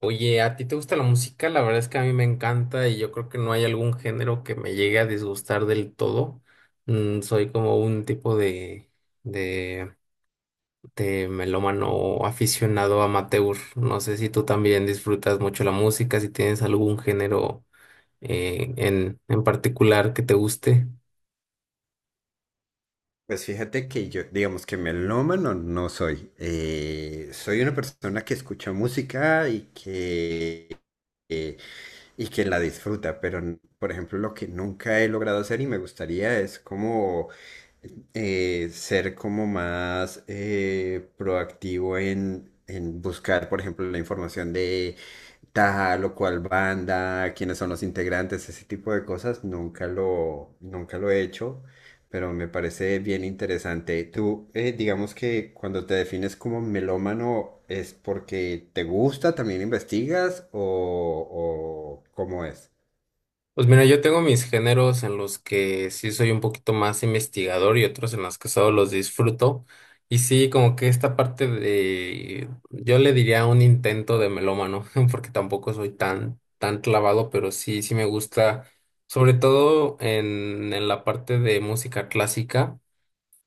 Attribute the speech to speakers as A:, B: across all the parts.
A: Oye, ¿a ti te gusta la música? La verdad es que a mí me encanta y yo creo que no hay algún género que me llegue a disgustar del todo. Soy como un tipo de, de melómano aficionado amateur. No sé si tú también disfrutas mucho la música, si tienes algún género en particular que te guste.
B: Pues fíjate que yo, digamos que melómano no soy. Soy una persona que escucha música y eh, que la disfruta, pero por ejemplo lo que nunca he logrado hacer y me gustaría es como ser como más proactivo en buscar, por ejemplo, la información de tal o cual banda, quiénes son los integrantes, ese tipo de cosas, nunca lo he hecho, pero me parece bien interesante. Tú, digamos que cuando te defines como melómano, ¿es porque te gusta, también investigas o cómo es?
A: Pues mira, yo tengo mis géneros en los que sí soy un poquito más investigador y otros en los que solo los disfruto. Y sí, como que esta parte de, yo le diría un intento de melómano, porque tampoco soy tan, tan clavado, pero sí, sí me gusta, sobre todo en la parte de música clásica.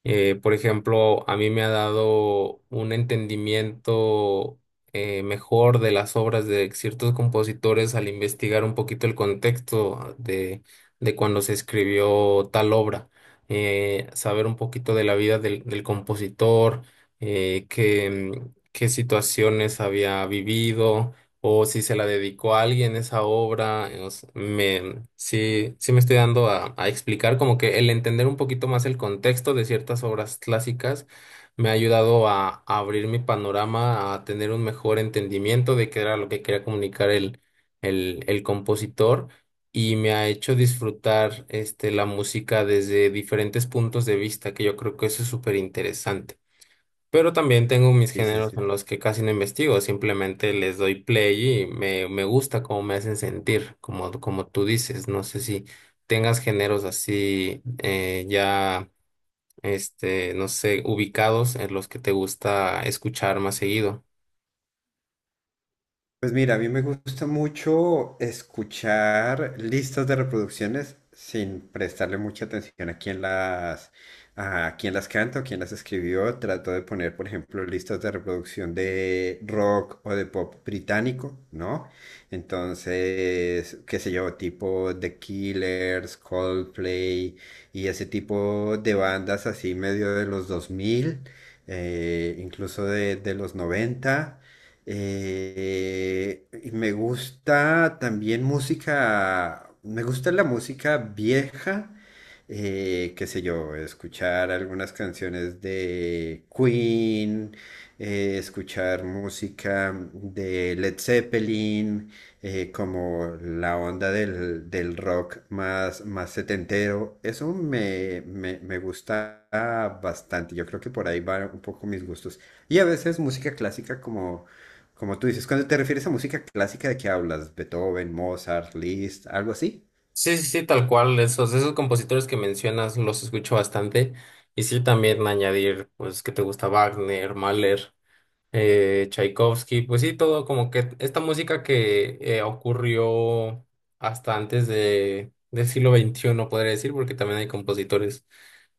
A: Por ejemplo, a mí me ha dado un entendimiento mejor de las obras de ciertos compositores al investigar un poquito el contexto de cuando se escribió tal obra. Saber un poquito de la vida del compositor, eh, qué, qué situaciones había vivido o si se la dedicó a alguien esa obra. O sea, sí, sí me estoy dando a explicar, como que el entender un poquito más el contexto de ciertas obras clásicas me ha ayudado a abrir mi panorama, a tener un mejor entendimiento de qué era lo que quería comunicar el compositor. Y me ha hecho disfrutar la música desde diferentes puntos de vista, que yo creo que eso es súper interesante. Pero también tengo mis
B: Sí, sí,
A: géneros
B: sí.
A: en los que casi no investigo, simplemente les doy play y me gusta cómo me hacen sentir, como tú dices. No sé si tengas géneros así ya, no sé, ubicados en los que te gusta escuchar más seguido.
B: Pues mira, a mí me gusta mucho escuchar listas de reproducciones sin prestarle mucha atención a a quién las canta o quién las escribió. Trato de poner, por ejemplo, listas de reproducción de rock o de pop británico, ¿no? Entonces, qué sé yo, tipo The Killers, Coldplay y ese tipo de bandas así medio de los 2000, incluso de los 90. Y me gusta también música, me gusta la música vieja, qué sé yo, escuchar algunas canciones de Queen, escuchar música de Led Zeppelin, como la onda del rock más setentero. Eso me gusta bastante. Yo creo que por ahí van un poco mis gustos. Y a veces música clásica como tú dices, cuando te refieres a música clásica, ¿de qué hablas? Beethoven, Mozart, Liszt, algo así.
A: Sí, sí, sí, tal cual. Esos compositores que mencionas los escucho bastante. Y sí, también añadir, pues, que te gusta Wagner, Mahler. Tchaikovsky, pues sí, todo como que esta música que ocurrió hasta antes del siglo XXI, podría decir, porque también hay compositores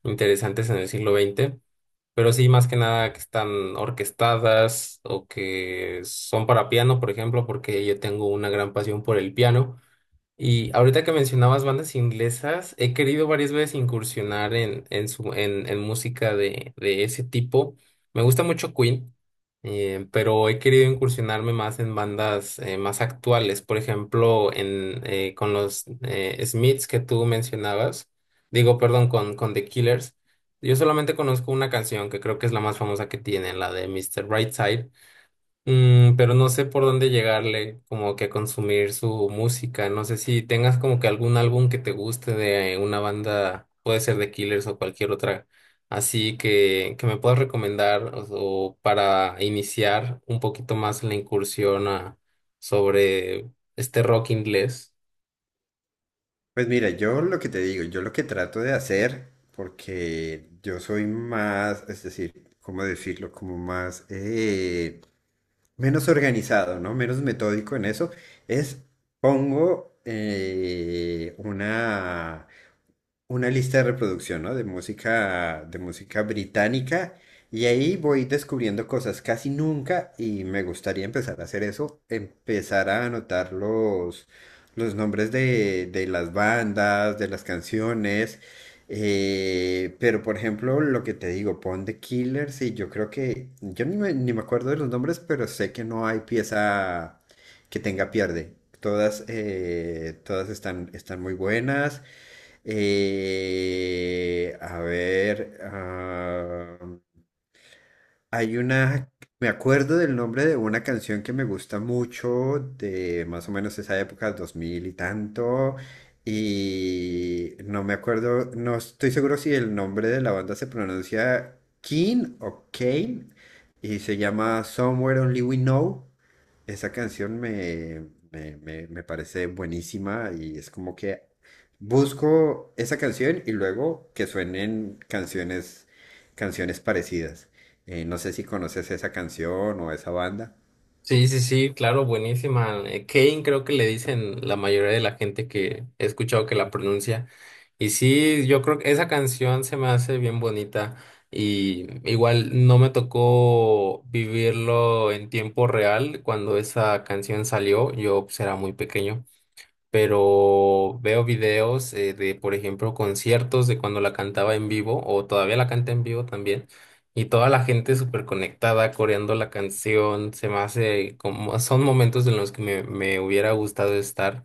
A: interesantes en el siglo XX, pero sí, más que nada que están orquestadas o que son para piano, por ejemplo, porque yo tengo una gran pasión por el piano. Y ahorita que mencionabas bandas inglesas, he querido varias veces incursionar en música de ese tipo. Me gusta mucho Queen. Pero he querido incursionarme más en bandas más actuales. Por ejemplo, con los Smiths que tú mencionabas. Digo, perdón, con The Killers. Yo solamente conozco una canción que creo que es la más famosa que tienen, la de Mister Brightside. Pero no sé por dónde llegarle, como que a consumir su música. No sé si tengas como que algún álbum que te guste de una banda, puede ser de Killers o cualquier otra, así que me puedas recomendar o para iniciar un poquito más la incursión sobre este rock inglés.
B: Pues mira, yo lo que te digo, yo lo que trato de hacer, porque yo soy más, es decir, ¿cómo decirlo? Como menos organizado, ¿no? Menos metódico en eso, es pongo eh, una, una lista de reproducción, ¿no? De música británica. Y ahí voy descubriendo cosas casi nunca y me gustaría empezar a hacer eso, empezar a anotar los nombres de las bandas, de las canciones. Pero por ejemplo, lo que te digo, pon The Killers y yo creo que, yo ni me, ni me acuerdo de los nombres, pero sé que no hay pieza que tenga pierde. Todas, todas están muy buenas. A ver, ah, hay una, Me acuerdo del nombre de una canción que me gusta mucho, de más o menos esa época, 2000 y tanto, y no me acuerdo, no estoy seguro si el nombre de la banda se pronuncia Keen o Kane, y se llama Somewhere Only We Know. Esa canción me parece buenísima y es como que busco esa canción y luego que suenen canciones parecidas. No sé si conoces esa canción o esa banda.
A: Sí, sí, sí, claro, buenísima. Kane creo que le dicen la mayoría de la gente que he escuchado que la pronuncia. Y sí, yo creo que esa canción se me hace bien bonita. Y igual no me tocó vivirlo en tiempo real cuando esa canción salió. Yo pues, era muy pequeño, pero veo videos de, por ejemplo, conciertos de cuando la cantaba en vivo o todavía la canta en vivo también. Y toda la gente súper conectada, coreando la canción, se me hace como, son momentos en los que me hubiera gustado estar.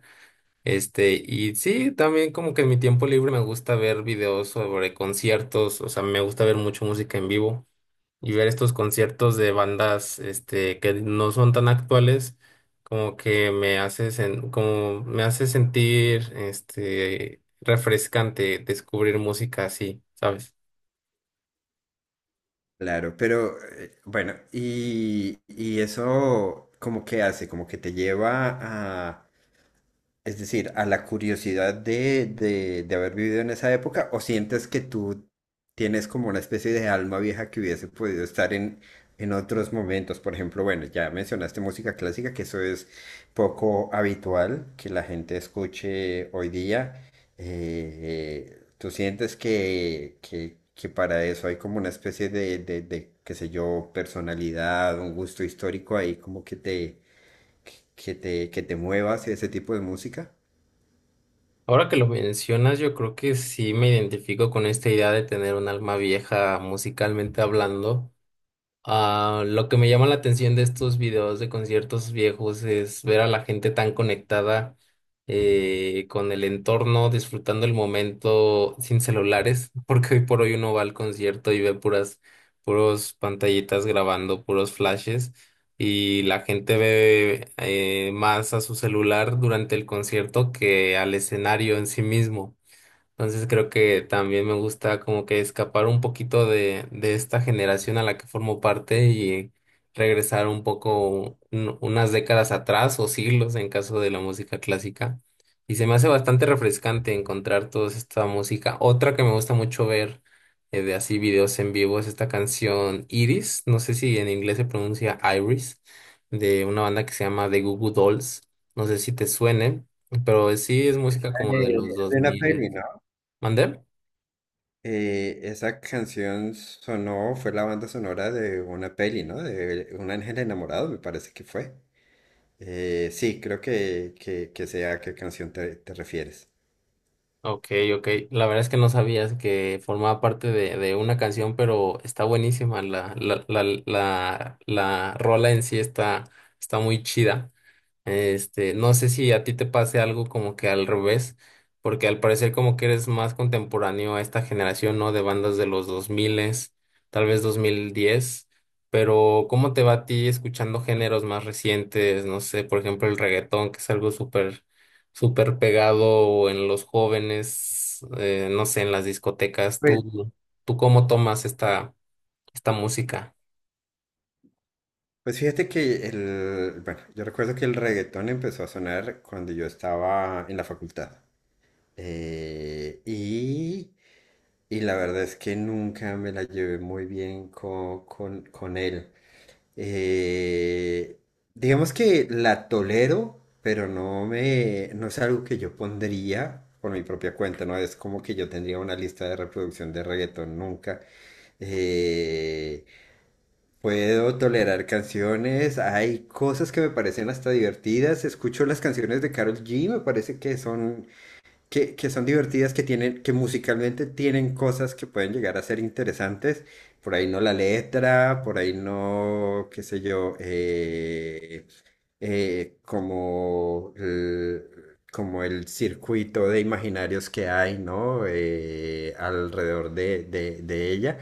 A: Y sí, también como que en mi tiempo libre me gusta ver videos sobre conciertos, o sea, me gusta ver mucho música en vivo y ver estos conciertos de bandas que no son tan actuales como me hace sentir refrescante descubrir música así, ¿sabes?
B: Claro, pero bueno, y eso como que hace, como que te lleva es decir, a la curiosidad de haber vivido en esa época, o sientes que tú tienes como una especie de alma vieja que hubiese podido estar en otros momentos. Por ejemplo, bueno, ya mencionaste música clásica, que eso es poco habitual que la gente escuche hoy día. ¿Tú sientes que para eso hay como una especie qué sé yo, personalidad, un gusto histórico ahí como que que te muevas y ese tipo de música?
A: Ahora que lo mencionas, yo creo que sí me identifico con esta idea de tener un alma vieja musicalmente hablando. Ah, lo que me llama la atención de estos videos de conciertos viejos es ver a la gente tan conectada con el entorno, disfrutando el momento sin celulares, porque hoy por hoy uno va al concierto y ve puros pantallitas grabando, puros flashes, y la gente ve más a su celular durante el concierto que al escenario en sí mismo. Entonces creo que también me gusta como que escapar un poquito de esta generación a la que formo parte y regresar un poco unas décadas atrás o siglos en caso de la música clásica. Y se me hace bastante refrescante encontrar toda esta música. Otra que me gusta mucho ver de así videos en vivo es esta canción Iris, no sé si en inglés se pronuncia Iris, de una banda que se llama The Goo Goo Dolls. No sé si te suene, pero sí es música como
B: Eh,
A: de los dos
B: de una
A: mil.
B: peli, ¿no?
A: ¿Mandé?
B: Esa canción sonó, fue la banda sonora de una peli, ¿no? De Un ángel enamorado, me parece que fue. Sí, creo que sé a qué canción te refieres.
A: Ok, ok. La verdad es que no sabías que formaba parte de una canción, pero está buenísima. La rola en sí está muy chida. No sé si a ti te pase algo como que al revés, porque al parecer como que eres más contemporáneo a esta generación, ¿no? De bandas de los 2000, tal vez 2010. Pero ¿cómo te va a ti escuchando géneros más recientes? No sé, por ejemplo, el reggaetón, que es algo súper súper pegado en los jóvenes, no sé, en las discotecas.
B: Pues,
A: ¿Tú cómo tomas esta música?
B: pues fíjate que el, bueno, yo recuerdo que el reggaetón empezó a sonar cuando yo estaba en la facultad. Eh, y, y la verdad es que nunca me la llevé muy bien con él. Eh, digamos que la tolero, pero no me, no es algo que yo pondría por mi propia cuenta, no es como que yo tendría una lista de reproducción de reggaetón nunca. Eh, Puedo tolerar canciones, hay cosas que me parecen hasta divertidas, escucho las canciones de Karol G, me parece que que son divertidas, que tienen, que musicalmente tienen cosas que pueden llegar a ser interesantes. Por ahí no la letra, por ahí no, qué sé yo, eh, como el, como el circuito de imaginarios que hay, ¿no? Alrededor de ella.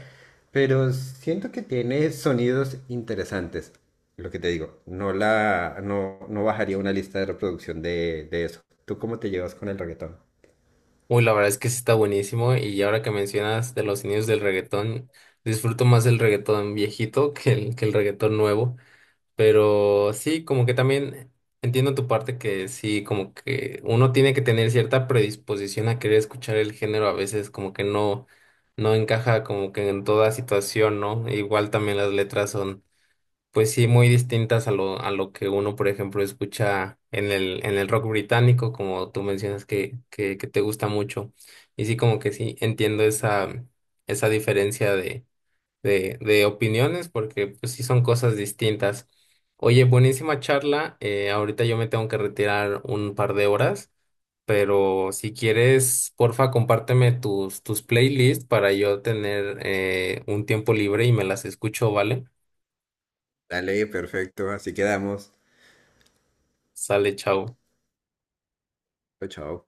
B: Pero siento que tiene sonidos interesantes. Lo que te digo, no la, no, no bajaría una lista de reproducción de eso. ¿Tú cómo te llevas con el reggaetón?
A: Uy, la verdad es que sí está buenísimo y ahora que mencionas de los inicios del reggaetón, disfruto más el reggaetón viejito que el reggaetón nuevo, pero sí, como que también entiendo tu parte que sí, como que uno tiene que tener cierta predisposición a querer escuchar el género, a veces como que no, no encaja como que en toda situación, ¿no? Igual también las letras son. Pues sí, muy distintas a lo que uno, por ejemplo, escucha en el rock británico, como tú mencionas que te gusta mucho. Y sí, como que sí, entiendo esa diferencia de opiniones, porque pues sí son cosas distintas. Oye, buenísima charla. Ahorita yo me tengo que retirar un par de horas, pero si quieres, porfa, compárteme tus playlists para yo tener un tiempo libre y me las escucho, ¿vale?
B: Dale, perfecto. Así quedamos.
A: Sale, chao.
B: Chao, chao.